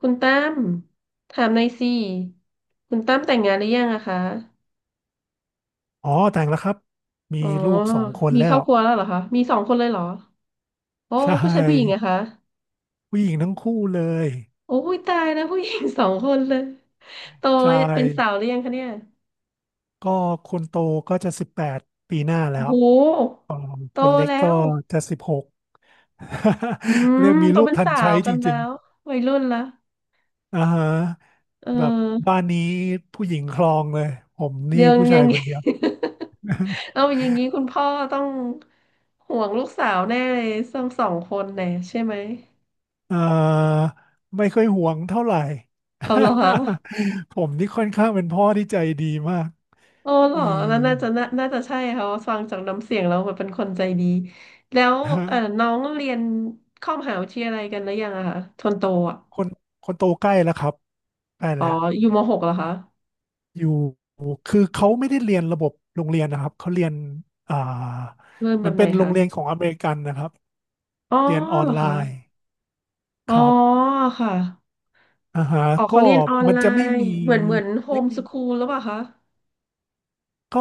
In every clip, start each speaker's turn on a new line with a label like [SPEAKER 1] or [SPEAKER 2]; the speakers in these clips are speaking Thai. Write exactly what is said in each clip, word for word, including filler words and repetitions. [SPEAKER 1] คุณตั้มถามหน่อยสิคุณตั้มแต่งงานหรือยังอะคะ
[SPEAKER 2] อ๋อแต่งแล้วครับมี
[SPEAKER 1] อ๋อ
[SPEAKER 2] ลูกสองคน
[SPEAKER 1] มี
[SPEAKER 2] แล้
[SPEAKER 1] ครอ
[SPEAKER 2] ว
[SPEAKER 1] บครัวแล้วเหรอคะมีสองคนเลยเหรอโอ้
[SPEAKER 2] ใช
[SPEAKER 1] ผู้ชายผู้หญิง
[SPEAKER 2] ่
[SPEAKER 1] อะคะ
[SPEAKER 2] ผู้หญิงทั้งคู่เลย
[SPEAKER 1] โอ้ยตายแล้วผู้หญิง สองคนเลยโต
[SPEAKER 2] ใช
[SPEAKER 1] เป็นสาว
[SPEAKER 2] ่
[SPEAKER 1] หรือยังคะเนี่ย
[SPEAKER 2] ก็คนโตก็จะสิบแปดปีหน้าแล้
[SPEAKER 1] โอ้
[SPEAKER 2] ว
[SPEAKER 1] โห
[SPEAKER 2] ค
[SPEAKER 1] โต
[SPEAKER 2] นเล็ก
[SPEAKER 1] แล้
[SPEAKER 2] ก็
[SPEAKER 1] ว
[SPEAKER 2] จะสิบหก
[SPEAKER 1] อื ม
[SPEAKER 2] เรียกมี
[SPEAKER 1] โต
[SPEAKER 2] ลูก
[SPEAKER 1] เป็น
[SPEAKER 2] ทัน
[SPEAKER 1] สา
[SPEAKER 2] ใช้
[SPEAKER 1] ว
[SPEAKER 2] จ
[SPEAKER 1] กันแล้
[SPEAKER 2] ริง
[SPEAKER 1] ววัยรุ่นละ
[SPEAKER 2] ๆอ่าฮะ
[SPEAKER 1] เ
[SPEAKER 2] แบบ
[SPEAKER 1] ออ
[SPEAKER 2] บ้านนี้ผู้หญิงคลองเลยผมนี่
[SPEAKER 1] ยัง
[SPEAKER 2] ผู้
[SPEAKER 1] ยั
[SPEAKER 2] ชาย
[SPEAKER 1] ง
[SPEAKER 2] คนเดียว
[SPEAKER 1] เอาอย่างนี้คุณพ่อต้องห่วงลูกสาวแน่เลยสองสองคนแน่ใช่ไหม
[SPEAKER 2] เอ่อไม่ค่อยห่วงเท่าไหร่
[SPEAKER 1] เอาเหรอคะ
[SPEAKER 2] ผมนี่ค่อนข้างเป็นพ่อที่ใจดีมาก
[SPEAKER 1] โอ้เห
[SPEAKER 2] เอ
[SPEAKER 1] ร
[SPEAKER 2] อ
[SPEAKER 1] อนั่นน่าจะน่าน่าจะใช่ค่ะเพราะฟังจากน้ำเสียงแล้วแบบเป็นคนใจดีแล้วเออน้องเรียนเข้ามหาวิทยาลัยกันหรือยังอะคะทนโตอะ
[SPEAKER 2] คนคนโตใกล้แล้วครับใกล้
[SPEAKER 1] อ๋อ
[SPEAKER 2] แล้ว
[SPEAKER 1] อยู่มหกเหรอคะ
[SPEAKER 2] อยู่คือเขาไม่ได้เรียนระบบโรงเรียนนะครับเขาเรียนอ่า
[SPEAKER 1] เริ่มแบ
[SPEAKER 2] มัน
[SPEAKER 1] บไห
[SPEAKER 2] เป็
[SPEAKER 1] น
[SPEAKER 2] นโร
[SPEAKER 1] คะ
[SPEAKER 2] งเรียนของอเมริกันนะครับ
[SPEAKER 1] อ๋อ
[SPEAKER 2] เรียนออ
[SPEAKER 1] เห
[SPEAKER 2] น
[SPEAKER 1] รอ
[SPEAKER 2] ไล
[SPEAKER 1] คะ
[SPEAKER 2] น์ค
[SPEAKER 1] อ๋อ
[SPEAKER 2] รับ
[SPEAKER 1] ค่ะ
[SPEAKER 2] อ่าฮะ
[SPEAKER 1] อ๋อ
[SPEAKER 2] ก็
[SPEAKER 1] เขาเรียนออน
[SPEAKER 2] มัน
[SPEAKER 1] ไล
[SPEAKER 2] จะไม่
[SPEAKER 1] น์
[SPEAKER 2] มี
[SPEAKER 1] เหมือนเหมือนโฮ
[SPEAKER 2] ไม่
[SPEAKER 1] ม
[SPEAKER 2] มี
[SPEAKER 1] สคูลหรือเปล่าคะ
[SPEAKER 2] ก็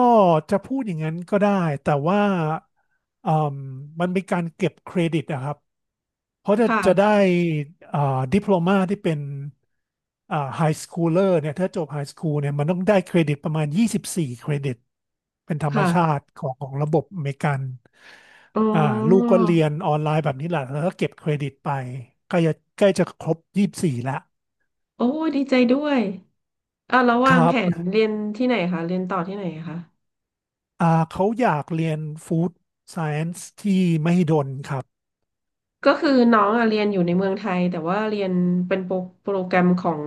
[SPEAKER 2] จะพูดอย่างนั้นก็ได้แต่ว่าอ่มมันเป็นการเก็บเครดิตนะครับ เพราะจะจะได้
[SPEAKER 1] ค่ะ
[SPEAKER 2] อ่าดิพโพลมาที่เป็นอ่าไฮสคูลเลอร์เนี่ยถ้าจบไฮสคูลเนี่ยมันต้องได้เครดิตประมาณยี่สิบสี่เครดิตเป็นธรรมชา
[SPEAKER 1] ค่ะ
[SPEAKER 2] ติของของระบบอเมริกัน
[SPEAKER 1] อ๋
[SPEAKER 2] อ่าลูก
[SPEAKER 1] อ
[SPEAKER 2] ก็เรียนออนไลน์แบบนี้แหละแล้วก็เก็บเครดิตไปใกล้จะใกล้จะครบยี่สิบสี่แล้ว
[SPEAKER 1] โอ้ดีใจด้วยอ่ะแล้ว
[SPEAKER 2] ค
[SPEAKER 1] วาง
[SPEAKER 2] รั
[SPEAKER 1] แผน
[SPEAKER 2] บ
[SPEAKER 1] เรียนที่ไหนคะเรียนต่อที่ไหนคะ
[SPEAKER 2] อ่าเขาอยากเรียนฟู้ดไซเอน c ์ที่มหิดลครับ
[SPEAKER 1] ก็คือน้องอะเรียนอยู่ในเมืองไทยแต่ว่าเรียนเป็นโปรโปรแกรมของ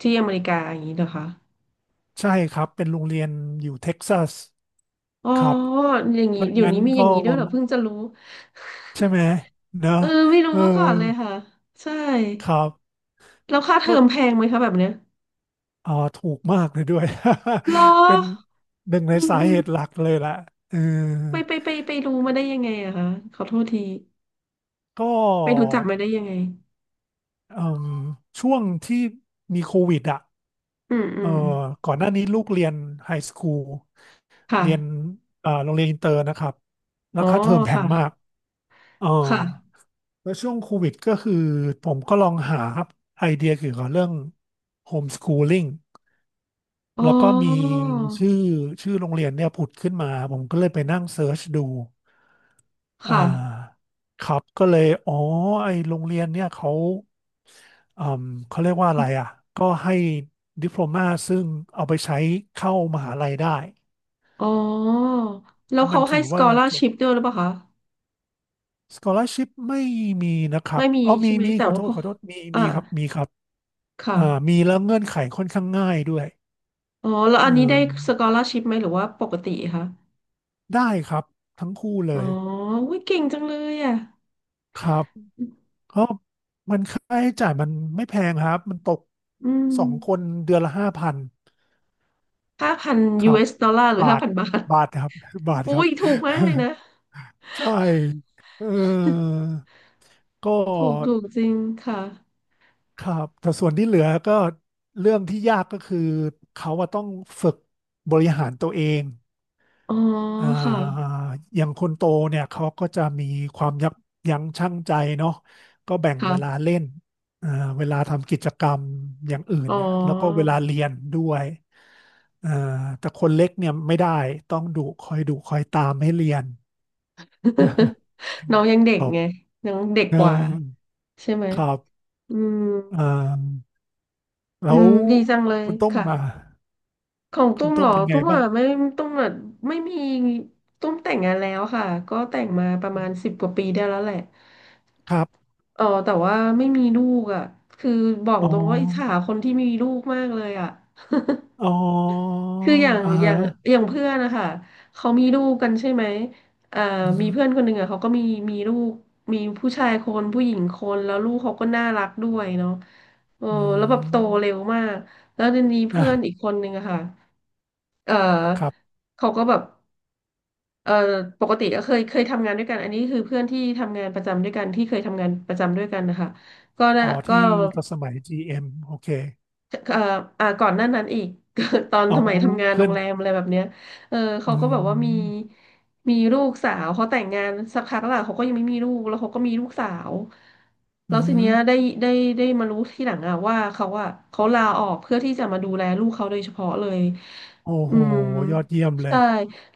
[SPEAKER 1] ที่อเมริกาอย่างนี้เหรอคะ
[SPEAKER 2] ใช่ครับเป็นโรงเรียนอยู่เท็กซัส
[SPEAKER 1] อ๋อ
[SPEAKER 2] ครับ
[SPEAKER 1] อย่างนี้
[SPEAKER 2] ไม่
[SPEAKER 1] อยู่
[SPEAKER 2] งั้น
[SPEAKER 1] นี้มีอ
[SPEAKER 2] ก็
[SPEAKER 1] ย่างนี้ด้วยเหรอเพิ่งจะรู้
[SPEAKER 2] ใช่ไหมเนอะ
[SPEAKER 1] เออไม่รู้
[SPEAKER 2] เออ
[SPEAKER 1] มาก่อนเลยค่ะใช่
[SPEAKER 2] ครับ
[SPEAKER 1] แล้วค่าเทอ
[SPEAKER 2] ก็
[SPEAKER 1] มแพงไหมคะแบบเนี้ย
[SPEAKER 2] อ๋อถูกมากเลยด้วย
[SPEAKER 1] เหรอ
[SPEAKER 2] เป็นหนึ่งใน
[SPEAKER 1] อืม
[SPEAKER 2] สา
[SPEAKER 1] อืม
[SPEAKER 2] เหตุหลักเลยแหละเออ
[SPEAKER 1] ไปไปไปไปรู้มาได้ยังไงอะคะขอโทษที
[SPEAKER 2] ก็
[SPEAKER 1] ไปรู้จักมาได้ยังไง
[SPEAKER 2] เอิ่มช่วงที่มีโควิดอ่ะ
[SPEAKER 1] อืมอื
[SPEAKER 2] เออ
[SPEAKER 1] ม
[SPEAKER 2] ก่อนหน้านี้ลูกเรียนไฮสคูล
[SPEAKER 1] ค่ะ
[SPEAKER 2] เรียนเอ่อโรงเรียนอินเตอร์นะครับแล้
[SPEAKER 1] อ๋
[SPEAKER 2] ว
[SPEAKER 1] อ
[SPEAKER 2] ค่าเทอมแพง
[SPEAKER 1] ค่ะ
[SPEAKER 2] มากเออ
[SPEAKER 1] ค่ะ
[SPEAKER 2] แล้วช่วงโควิดก็คือผมก็ลองหาไอเดียเกี่ยวกับเรื่องโฮมสคูลิ่ง
[SPEAKER 1] อ๋
[SPEAKER 2] แล้วก็มี
[SPEAKER 1] อ
[SPEAKER 2] ชื่อชื่อโรงเรียนเนี่ยผุดขึ้นมาผมก็เลยไปนั่งเซิร์ชดูอ่
[SPEAKER 1] ค่ะ
[SPEAKER 2] าครับก็เลยอ๋อไอโรงเรียนเนี่ยเขาอืมเขาเรียกว่าอะไรอ่ะก็ให้ดิโพลมาซึ่งเอาไปใช้เข้ามหาลัยได้
[SPEAKER 1] อ๋อ
[SPEAKER 2] เพ
[SPEAKER 1] แล้ว
[SPEAKER 2] ราะมั
[SPEAKER 1] เขา
[SPEAKER 2] น
[SPEAKER 1] ให้
[SPEAKER 2] ถือว่าจบ
[SPEAKER 1] scholarship ด้วยหรือเปล่าคะ
[SPEAKER 2] scholarship ไม่มีนะครับ
[SPEAKER 1] ไม่มี
[SPEAKER 2] อ๋อมี
[SPEAKER 1] ใช่ไหม
[SPEAKER 2] มี
[SPEAKER 1] แต่
[SPEAKER 2] ขอโท
[SPEAKER 1] ว่า
[SPEAKER 2] ษ
[SPEAKER 1] พอ
[SPEAKER 2] ขอโทษมี
[SPEAKER 1] อ่า
[SPEAKER 2] มีครับมีครับอ่า
[SPEAKER 1] ค่ะ
[SPEAKER 2] มีแล้วเงื่อนไขค่อนข้างง่ายด้วย
[SPEAKER 1] อ๋อแล้ว
[SPEAKER 2] เ
[SPEAKER 1] อันนี้ได้ส
[SPEAKER 2] ออ
[SPEAKER 1] กอลา r s ชิพไหมหรือว่าปกติคะ
[SPEAKER 2] ได้ครับทั้งคู่เล
[SPEAKER 1] อ๋อ
[SPEAKER 2] ย
[SPEAKER 1] อุ้ยเก่งจังเลยอ่ะ
[SPEAKER 2] ครับ ก็มันค่าใช้จ่ายมันไม่แพงครับ มันตก
[SPEAKER 1] อืม
[SPEAKER 2] สองคนเดือนละห้าพัน
[SPEAKER 1] ห้าพัน
[SPEAKER 2] ครับ
[SPEAKER 1] ยู เอส ดอลลาร์หรือ
[SPEAKER 2] บา
[SPEAKER 1] ห้า
[SPEAKER 2] ท
[SPEAKER 1] พันบาท
[SPEAKER 2] บาทครับ บาทครั
[SPEAKER 1] อุ้
[SPEAKER 2] บ
[SPEAKER 1] ยถูกมากเลยนะ
[SPEAKER 2] ใช่เออ ก็
[SPEAKER 1] ถูกถูกจริงค่ะ
[SPEAKER 2] ครับแต่ส่วนที่เหลือก็เรื่องที่ยากก็คือเขาว่าต้องฝึกบริหารตัวเอง
[SPEAKER 1] อ๋อ
[SPEAKER 2] อ่
[SPEAKER 1] ค่ะ
[SPEAKER 2] าอย่างคนโตเนี่ยเขาก็จะมีความยับยั้งชั่งใจเนาะก็แบ่งเวลา
[SPEAKER 1] ค่ะ
[SPEAKER 2] เล่นอ่าเวลาทำกิจกรรมอย่างอื่น
[SPEAKER 1] อ๋อ
[SPEAKER 2] เนี่ยแล้วก็เวลาเรียนด้วยอ่าแต่คนเล็กเนี่ยไม่ได้ต้องดุคอยดุคอยตามให้เรียน
[SPEAKER 1] น้องยังเด็
[SPEAKER 2] ค
[SPEAKER 1] ก
[SPEAKER 2] รับ
[SPEAKER 1] ไงน้องเด็ก
[SPEAKER 2] เออ
[SPEAKER 1] กว่าใช่ไหม
[SPEAKER 2] ครับ
[SPEAKER 1] อืม
[SPEAKER 2] อ่า
[SPEAKER 1] อื
[SPEAKER 2] แล้ว
[SPEAKER 1] มดีจังเลย
[SPEAKER 2] คุณต้ม
[SPEAKER 1] ค่ะ
[SPEAKER 2] มา
[SPEAKER 1] ของ
[SPEAKER 2] คุ
[SPEAKER 1] ตุ้
[SPEAKER 2] ณ
[SPEAKER 1] มเห
[SPEAKER 2] ต้
[SPEAKER 1] ร
[SPEAKER 2] ม
[SPEAKER 1] อ
[SPEAKER 2] เป็นไง
[SPEAKER 1] ตุ้ม
[SPEAKER 2] บ้า
[SPEAKER 1] อ่ะ
[SPEAKER 2] ง
[SPEAKER 1] ไม่ตุ้มอ่ะไม่มีตุ้มแต่งงานแล้วค่ะก็แต่งมาประมาณสิบกว่าปีได้แล้วแหละ
[SPEAKER 2] ครับ
[SPEAKER 1] เออแต่ว่าไม่มีลูกอ่ะคือบอก
[SPEAKER 2] อ๋อ
[SPEAKER 1] ตรงว่าอิจฉาคนที่มีลูกมากเลยอ่ะ
[SPEAKER 2] อ๋อ
[SPEAKER 1] คืออย่าง
[SPEAKER 2] อ่า
[SPEAKER 1] อ
[SPEAKER 2] ฮะ
[SPEAKER 1] ย่างอย่างเพื่อนนะคะเขามีลูกกันใช่ไหมอ่า
[SPEAKER 2] อื
[SPEAKER 1] มีเพื่
[SPEAKER 2] ม
[SPEAKER 1] อนคนหนึ่งอ่ะเขาก็มีมีลูกมีผู้ชายคนผู้หญิงคนแล้วลูกเขาก็น่ารักด้วยเนาะเออ
[SPEAKER 2] อื
[SPEAKER 1] แล้วแบบโตเร็
[SPEAKER 2] ม
[SPEAKER 1] วมากแล้วทีนี้
[SPEAKER 2] อ่ะ
[SPEAKER 1] เพื่อนอีกคนหนึ่งอะค่ะเออ
[SPEAKER 2] ครับ
[SPEAKER 1] เขาก็แบบ เอ่อปกติก็เคยเคยทำงานด้วยกันอันนี้คือเพื่อนที่ทำงานประจำด้วยกันที่เคยทำงานประจำด้วยกันนะคะก็
[SPEAKER 2] อ๋
[SPEAKER 1] น่ะ
[SPEAKER 2] อ
[SPEAKER 1] ก็
[SPEAKER 2] ที่ตอนสมัย จี เอ็ม โอเค
[SPEAKER 1] เอ่ออ่าก่อนหน้านั้นอีก ตอน
[SPEAKER 2] อ๋อ
[SPEAKER 1] สมัยทำงานโร
[SPEAKER 2] เพื่อ
[SPEAKER 1] ง
[SPEAKER 2] น
[SPEAKER 1] แรมอะไรแบบเนี้ยเออเขา
[SPEAKER 2] อื
[SPEAKER 1] ก็แบบว่ามี
[SPEAKER 2] ม
[SPEAKER 1] มีลูกสาวเขาแต่งงานสักพักแล้วล่ะเขาก็ยังไม่มีลูกแล้วเขาก็มีลูกสาว
[SPEAKER 2] อื
[SPEAKER 1] แล้วที
[SPEAKER 2] ม
[SPEAKER 1] เนี้ยได้ได้ได้มารู้ทีหลังอะว่าเขาอะเขาลาออกเพื่อที่จะมาดูแลลูกเขาโดยเฉพาะเลย
[SPEAKER 2] โอ้
[SPEAKER 1] อื
[SPEAKER 2] โห
[SPEAKER 1] ม
[SPEAKER 2] ยอดเยี่ยมเลย
[SPEAKER 1] ใช่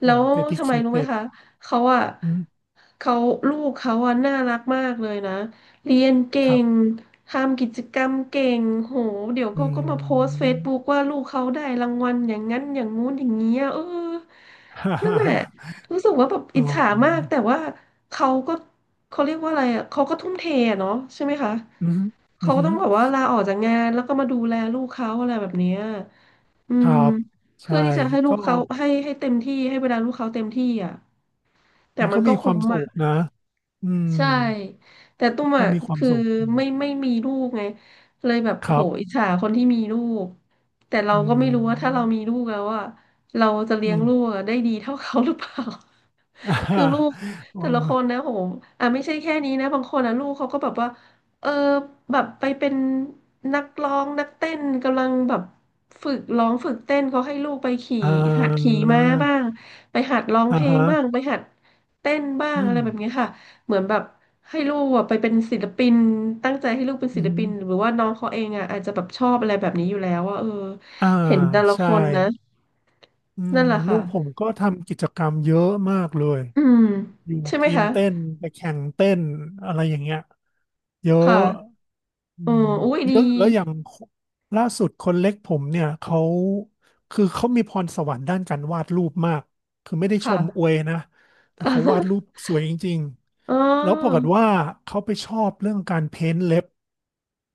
[SPEAKER 1] แล้
[SPEAKER 2] อ่า
[SPEAKER 1] ว
[SPEAKER 2] เดดิ
[SPEAKER 1] ทำ
[SPEAKER 2] เค
[SPEAKER 1] ไม
[SPEAKER 2] ท
[SPEAKER 1] รู้ไหม
[SPEAKER 2] เต็ด
[SPEAKER 1] คะเขาอะ
[SPEAKER 2] อืม
[SPEAKER 1] เขาลูกเขาอะน่ารักมากเลยนะเรียนเก่
[SPEAKER 2] ครั
[SPEAKER 1] ง
[SPEAKER 2] บ
[SPEAKER 1] ทำกิจกรรมเก่งโหเดี๋ยว
[SPEAKER 2] อื
[SPEAKER 1] ก็ก็มาโพสต์เฟ
[SPEAKER 2] ม
[SPEAKER 1] ซบุ๊กว่าลูกเขาได้รางวัลอย่างนั้นอย่างงู้นอย่างเงี้ยเออ
[SPEAKER 2] ฮ่า
[SPEAKER 1] นั่น
[SPEAKER 2] ฮ่า
[SPEAKER 1] แหละ
[SPEAKER 2] ฮ่า
[SPEAKER 1] รู้สึกว่าแบบ
[SPEAKER 2] อ๋
[SPEAKER 1] อิจ
[SPEAKER 2] อ
[SPEAKER 1] ฉามากแต่ว่าเขาก็เขาเรียกว่าอะไรอ่ะเขาก็ทุ่มเทอะเนาะใช่ไหมคะ
[SPEAKER 2] อืมอื
[SPEAKER 1] เขาก็
[SPEAKER 2] ม
[SPEAKER 1] ต้องแบบว่าลาออกจากงานแล้วก็มาดูแลลูกเขาอะไรแบบเนี้ยอื
[SPEAKER 2] ค
[SPEAKER 1] ม
[SPEAKER 2] รับ
[SPEAKER 1] เพื่
[SPEAKER 2] ใช่
[SPEAKER 1] อที่จะให้ลู
[SPEAKER 2] ก็
[SPEAKER 1] กเขาให้ให้เต็มที่ให้เวลาลูกเขาเต็มที่อ่ะแต่
[SPEAKER 2] มัน
[SPEAKER 1] มั
[SPEAKER 2] ก็
[SPEAKER 1] น
[SPEAKER 2] มี
[SPEAKER 1] ก็
[SPEAKER 2] ควา
[SPEAKER 1] คุ้
[SPEAKER 2] ม
[SPEAKER 1] ม
[SPEAKER 2] สุ
[SPEAKER 1] อ่ะ
[SPEAKER 2] ขนะอืม
[SPEAKER 1] ใช่แต่ตุ้ม
[SPEAKER 2] ก็
[SPEAKER 1] อ่ะ
[SPEAKER 2] มีความ
[SPEAKER 1] คือ
[SPEAKER 2] สุข
[SPEAKER 1] ไม่ไม่มีลูกไงเลยแบบ
[SPEAKER 2] ครั
[SPEAKER 1] โหอิจ
[SPEAKER 2] บ
[SPEAKER 1] ฉาคนที่มีลูกแต่เรา
[SPEAKER 2] อื
[SPEAKER 1] ก็ไม่รู้ว่าถ้าเรา
[SPEAKER 2] ม
[SPEAKER 1] มีลูกแล้วอ่ะเราจะเลี้
[SPEAKER 2] อื
[SPEAKER 1] ยง
[SPEAKER 2] ม
[SPEAKER 1] ลูกอะได้ดีเท่าเขาหรือเปล่า
[SPEAKER 2] อ่า
[SPEAKER 1] คื
[SPEAKER 2] ฮ่า
[SPEAKER 1] อลูก
[SPEAKER 2] อ๋อ
[SPEAKER 1] แต่ละคนนะโหอ่ะไม่ใช่แค่นี้นะบางคนอ่ะลูกเขาก็แบบว่าเออแบบไปเป็นนักร้องนักเต้นกำลังแบบฝึกร้องฝึกเต้นเขาให้ลูกไปขี่
[SPEAKER 2] อ่
[SPEAKER 1] หัดขี่
[SPEAKER 2] า
[SPEAKER 1] ม้าบ้างไปหัดร้อง
[SPEAKER 2] อ่า
[SPEAKER 1] เพลง
[SPEAKER 2] ฮะ
[SPEAKER 1] บ้างไปหัดเต้นบ้าง
[SPEAKER 2] อื
[SPEAKER 1] อะ
[SPEAKER 2] ม
[SPEAKER 1] ไรแบบนี้ค่ะ เหมือนแบบให้ลูกอะไปเป็นศิลปินตั้งใจให้ลูกเป็นศิ
[SPEAKER 2] อื
[SPEAKER 1] ลปินห
[SPEAKER 2] ม
[SPEAKER 1] รือว่าน้องเขาเองอ่ะอาจจะแบบชอบอะไรแบบนี้อยู่แล้วว่าเออ
[SPEAKER 2] อ่า
[SPEAKER 1] เห็นแต่ละ
[SPEAKER 2] ใช่
[SPEAKER 1] คนนะ
[SPEAKER 2] อืม
[SPEAKER 1] นั่นแหละ
[SPEAKER 2] ลู
[SPEAKER 1] ค่ะ
[SPEAKER 2] กผมก็ทำกิจกรรมเยอะมากเลย
[SPEAKER 1] อืม
[SPEAKER 2] อยู่
[SPEAKER 1] ใช่ไหม
[SPEAKER 2] ทีม
[SPEAKER 1] คะ
[SPEAKER 2] เต้นไปแข่งเต้นอะไรอย่างเงี้ยเย
[SPEAKER 1] ค
[SPEAKER 2] อะ
[SPEAKER 1] ่ะ
[SPEAKER 2] อื
[SPEAKER 1] อ๋อ
[SPEAKER 2] ม
[SPEAKER 1] อุ้ย
[SPEAKER 2] เย
[SPEAKER 1] ดี
[SPEAKER 2] อะแล้วอย่างล่าสุดคนเล็กผมเนี่ยเขาคือเขามีพรสวรรค์ด้านการวาดรูปมากคือไม่ได้ชมอ
[SPEAKER 1] ค่ะ
[SPEAKER 2] วยนะแต่เขาวาดรูป สวยจริง
[SPEAKER 1] อ๋
[SPEAKER 2] ๆแล้วปรากฏ
[SPEAKER 1] อ
[SPEAKER 2] ว่าเขาไปชอบเรื่องการเพ้นท์เล็บ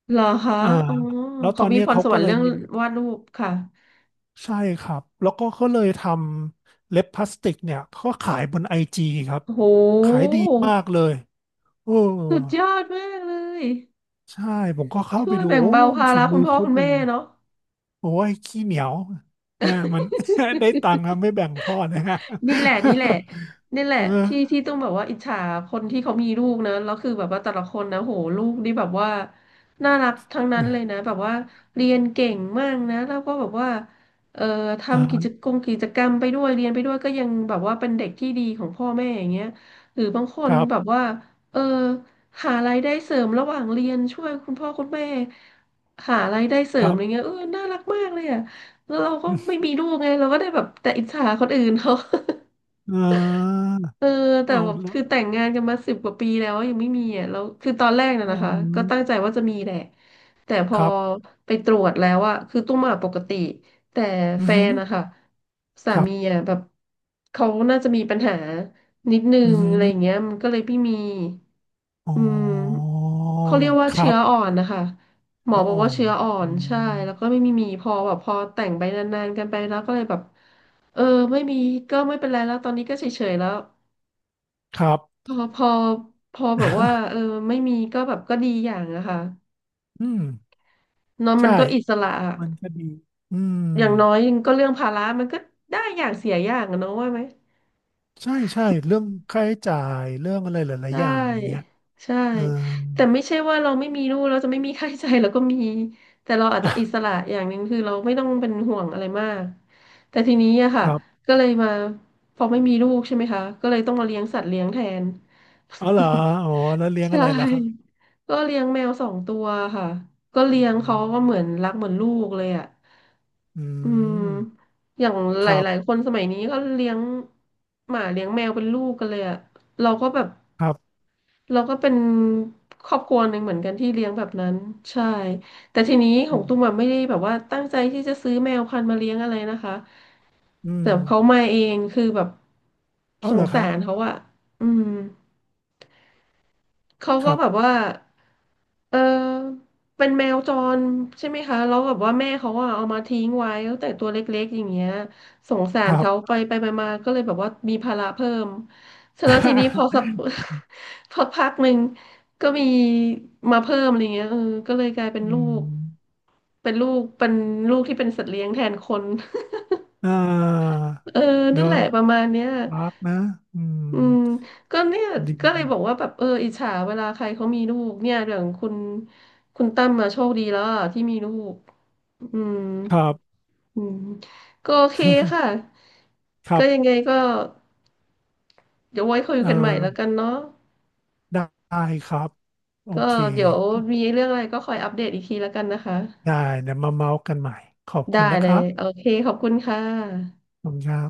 [SPEAKER 1] เหรอคะ
[SPEAKER 2] อ่า
[SPEAKER 1] อ๋อ
[SPEAKER 2] แล้วต
[SPEAKER 1] เขา
[SPEAKER 2] อน
[SPEAKER 1] มี
[SPEAKER 2] นี้
[SPEAKER 1] พร
[SPEAKER 2] เขา
[SPEAKER 1] สว
[SPEAKER 2] ก็
[SPEAKER 1] รร
[SPEAKER 2] เล
[SPEAKER 1] ค์
[SPEAKER 2] ย
[SPEAKER 1] เรื่อง
[SPEAKER 2] มี
[SPEAKER 1] วาดรูปค่ะ
[SPEAKER 2] ใช่ครับ แล้วก็ก็เลยทำเล็บพลาสติกเนี่ยก็ขายบนไอจีครับ
[SPEAKER 1] โอ้โห
[SPEAKER 2] ขายดีมากเลยโอ้
[SPEAKER 1] สุดยอดมากเลย
[SPEAKER 2] ใช่ผมก็เข้า
[SPEAKER 1] ช่
[SPEAKER 2] ไป
[SPEAKER 1] วย
[SPEAKER 2] ดู
[SPEAKER 1] แบ่ง
[SPEAKER 2] โอ้
[SPEAKER 1] เบาภา
[SPEAKER 2] ฝี
[SPEAKER 1] ระคุ
[SPEAKER 2] มื
[SPEAKER 1] ณ
[SPEAKER 2] อ
[SPEAKER 1] พ่อ
[SPEAKER 2] เขา
[SPEAKER 1] คุณ
[SPEAKER 2] ดี
[SPEAKER 1] แม่เนาะ
[SPEAKER 2] โอ้ย ขี้เหนียวเนี่ยมัน ได้ตังค์นะไม่แบ่งพ่อนะฮะ
[SPEAKER 1] นี่แหละนี่แหละ นี่แหละ
[SPEAKER 2] เออ
[SPEAKER 1] ที่ที่ต้องแบบว่าอิจฉาคนที่เขามีลูกนะแล้วคือแบบว่าแต่ละคนนะโหลูกนี่แบบว่าน่ารักทั้งนั้นเลยนะแบบว่าเรียนเก่งมากนะแล้วก็แบบว่าเอ่อ
[SPEAKER 2] อ่
[SPEAKER 1] ทำกิจ
[SPEAKER 2] า
[SPEAKER 1] กรรมกิจกรรมไปด้วยเรียนไปด้วยก็ยังแบบว่าเป็นเด็กที่ดีของพ่อแม่อย่างเงี้ยหรือบางค
[SPEAKER 2] ค
[SPEAKER 1] น
[SPEAKER 2] รั
[SPEAKER 1] แบบ
[SPEAKER 2] บ
[SPEAKER 1] ว่าเออหารายได้เสริมระหว่างเรียนช่วยคุณพ่อคุณแม่หารายได้เสริ
[SPEAKER 2] ค
[SPEAKER 1] ม
[SPEAKER 2] รั
[SPEAKER 1] อะ
[SPEAKER 2] บ
[SPEAKER 1] ไรเงี้ยเออน่ารักมากเลยอ่ะแล้วเราก็ไม่มี ลูกไงเราก็ได้แบบแต่อิจฉาคนอื่นเขา
[SPEAKER 2] เออ
[SPEAKER 1] เออแต่
[SPEAKER 2] เอา
[SPEAKER 1] แบบ
[SPEAKER 2] ละ
[SPEAKER 1] คือแต่งงานกันมาสิบกว่าปีแล้วยังไม่มีอ่ะแล้วคือตอนแรกน่ะ
[SPEAKER 2] อ๋
[SPEAKER 1] นะคะก็ตั้
[SPEAKER 2] อ
[SPEAKER 1] งใจว่าจะมีแหละแต่พ
[SPEAKER 2] ค
[SPEAKER 1] อ
[SPEAKER 2] รับ
[SPEAKER 1] ไปตรวจแล้วอ่ะคือตุ้มอ่ะปกติแต่
[SPEAKER 2] อื
[SPEAKER 1] แฟ
[SPEAKER 2] อหือ
[SPEAKER 1] นนะคะสา
[SPEAKER 2] ครั
[SPEAKER 1] มี
[SPEAKER 2] บ
[SPEAKER 1] อ่ะแบบเขาน่าจะมีปัญหานิดนึ
[SPEAKER 2] อือ
[SPEAKER 1] ง
[SPEAKER 2] หือ
[SPEAKER 1] อะไรอย่างเงี้ยมันก็เลยไม่มี
[SPEAKER 2] อ๋
[SPEAKER 1] อืม
[SPEAKER 2] อ
[SPEAKER 1] เขาเรียกว่า
[SPEAKER 2] ครั
[SPEAKER 1] เชื้ออ่อ
[SPEAKER 2] บ
[SPEAKER 1] นนะคะหมอ
[SPEAKER 2] เนื้อ
[SPEAKER 1] บอก
[SPEAKER 2] อ่อ
[SPEAKER 1] ว่า
[SPEAKER 2] น
[SPEAKER 1] เชื้ออ่อ
[SPEAKER 2] อื
[SPEAKER 1] นใช่
[SPEAKER 2] ม
[SPEAKER 1] แล้วก็ไม่มีมีพอแบบพอแต่งไปนานๆกันไปแล้วก็เลยแบบเออไม่มีก็ไม่เป็นไรแล้วตอนนี้ก็เฉยๆแล้ว
[SPEAKER 2] ครับ
[SPEAKER 1] พอพอพอแบบว่าเออ ไม่มีก็แบบก็ดีอย่างอะค่ะ
[SPEAKER 2] อืม
[SPEAKER 1] เนอะมั
[SPEAKER 2] ใช่
[SPEAKER 1] นก็อิสระอะ
[SPEAKER 2] มันก็ดี อืม
[SPEAKER 1] อย่างน้อยก็เรื่องภาระมันก็ได้อย่างเสียอย่างอะเนอะว่าไหม
[SPEAKER 2] ใช่ใช่เรื่องค่าใช้จ่ายเรื่องอะไรหลาย
[SPEAKER 1] ใช
[SPEAKER 2] ๆอย่างอย่างเงี้ย
[SPEAKER 1] ่ใช่
[SPEAKER 2] เออ
[SPEAKER 1] แต่ไม่ใช่ว่าเราไม่มีลูกเราจะไม่มีค่าใช้จ่ายเราก็มีแต่เราอา จ
[SPEAKER 2] อ่
[SPEAKER 1] จะอิสระอย่างหนึ่งคือเราไม่ต้องเป็นห่วงอะไรมากแต่ทีนี้อะ
[SPEAKER 2] ค
[SPEAKER 1] ค่ะ
[SPEAKER 2] รับ
[SPEAKER 1] ก็เลยมาพอไม่มีลูกใช่ไหมคะก็เลยต้องมาเลี้ยงสัตว์เลี้ยงแทน
[SPEAKER 2] อ๋อเหรออ๋อแล้วเลี้ยง
[SPEAKER 1] ใช่
[SPEAKER 2] อะไรล่ะครับ
[SPEAKER 1] ก็เลี้ยงแมวสองตัวค่ะก็
[SPEAKER 2] อื
[SPEAKER 1] เลี้ยงเขา
[SPEAKER 2] ม
[SPEAKER 1] ก็เหมือนรักเหมือนลูกเลยอ่ะ
[SPEAKER 2] อื
[SPEAKER 1] อืม
[SPEAKER 2] ม
[SPEAKER 1] อย่างห
[SPEAKER 2] ค
[SPEAKER 1] ล
[SPEAKER 2] รับ
[SPEAKER 1] ายๆคนสมัยนี้ก็เลี้ยงหมาเลี้ยงแมวเป็นลูกกันเลยอ่ะเราก็แบบ
[SPEAKER 2] ครับ
[SPEAKER 1] เราก็เป็นครอบครัวหนึ่งเหมือนกันที่เลี้ยงแบบนั้นใช่แต่ทีนี้ข
[SPEAKER 2] อื
[SPEAKER 1] องตุ้มอะ
[SPEAKER 2] ม
[SPEAKER 1] ไม่ได้แบบว่าตั้งใจที่จะซื้อแมวพันธุ์มาเลี้ยงอะไรนะคะ
[SPEAKER 2] อืม
[SPEAKER 1] แต่เขามาเองคือแบบ
[SPEAKER 2] เอา
[SPEAKER 1] ส
[SPEAKER 2] เหร
[SPEAKER 1] ง
[SPEAKER 2] อครั
[SPEAKER 1] สา
[SPEAKER 2] บ
[SPEAKER 1] รเขาอะอืม เขา
[SPEAKER 2] ค
[SPEAKER 1] ก็
[SPEAKER 2] รับ
[SPEAKER 1] แบบว่าเออเป็นแมวจรใช่ไหมคะแล้วแบบว่าแม่เขาอะเอามาทิ้งไว้ตั้งแต่ตัวเล็กๆอย่างเงี้ยสงสา
[SPEAKER 2] ค
[SPEAKER 1] ร
[SPEAKER 2] รับ
[SPEAKER 1] เขาไปไปไปมาก็เลยแบบว่ามีภาระเพิ่มเสร็จแล้วทีนี้พอสัก พอพักหนึ่งก็มีมาเพิ่มอะไรเงี้ยเออก็เลยกลายเป็น
[SPEAKER 2] อื
[SPEAKER 1] ลูก
[SPEAKER 2] ม
[SPEAKER 1] เป็นลูก เป็นลูกที่เป็นสัตว์เลี้ยงแทนคน
[SPEAKER 2] อ่า
[SPEAKER 1] เออ
[SPEAKER 2] เน
[SPEAKER 1] นั่
[SPEAKER 2] อะ
[SPEAKER 1] นแหละประมาณเนี้ย
[SPEAKER 2] รักนะอืม
[SPEAKER 1] อืมก็เนี่ย
[SPEAKER 2] ดี
[SPEAKER 1] ก็เลยบอกว่าแบบเอออิจฉาเวลาใครเขามีลูกเนี่ยอย่างคุณคุณตั้มมาโชคดีแล้วอะที่มีลูกอืม
[SPEAKER 2] ครับ
[SPEAKER 1] อืมก็โอเคค่ะ
[SPEAKER 2] ครั
[SPEAKER 1] ก็
[SPEAKER 2] บ
[SPEAKER 1] ยังไงก็เดี๋ยวไว้คุย
[SPEAKER 2] เอ่อ
[SPEAKER 1] กันใหม่แล้วกันเนาะ
[SPEAKER 2] ได้ครับโอ
[SPEAKER 1] ก็
[SPEAKER 2] เค
[SPEAKER 1] เดี๋ยวมีเรื่องอะไรก็คอยอัปเดตอีกทีแล้วกันนะคะ
[SPEAKER 2] ได้เดี๋ยวมาเมาส์กันใหม่ขอบ
[SPEAKER 1] ได้
[SPEAKER 2] คุณนะ
[SPEAKER 1] เล
[SPEAKER 2] ครั
[SPEAKER 1] ย
[SPEAKER 2] บ
[SPEAKER 1] โอเคขอบคุณค่ะ
[SPEAKER 2] ขอบคุณครับ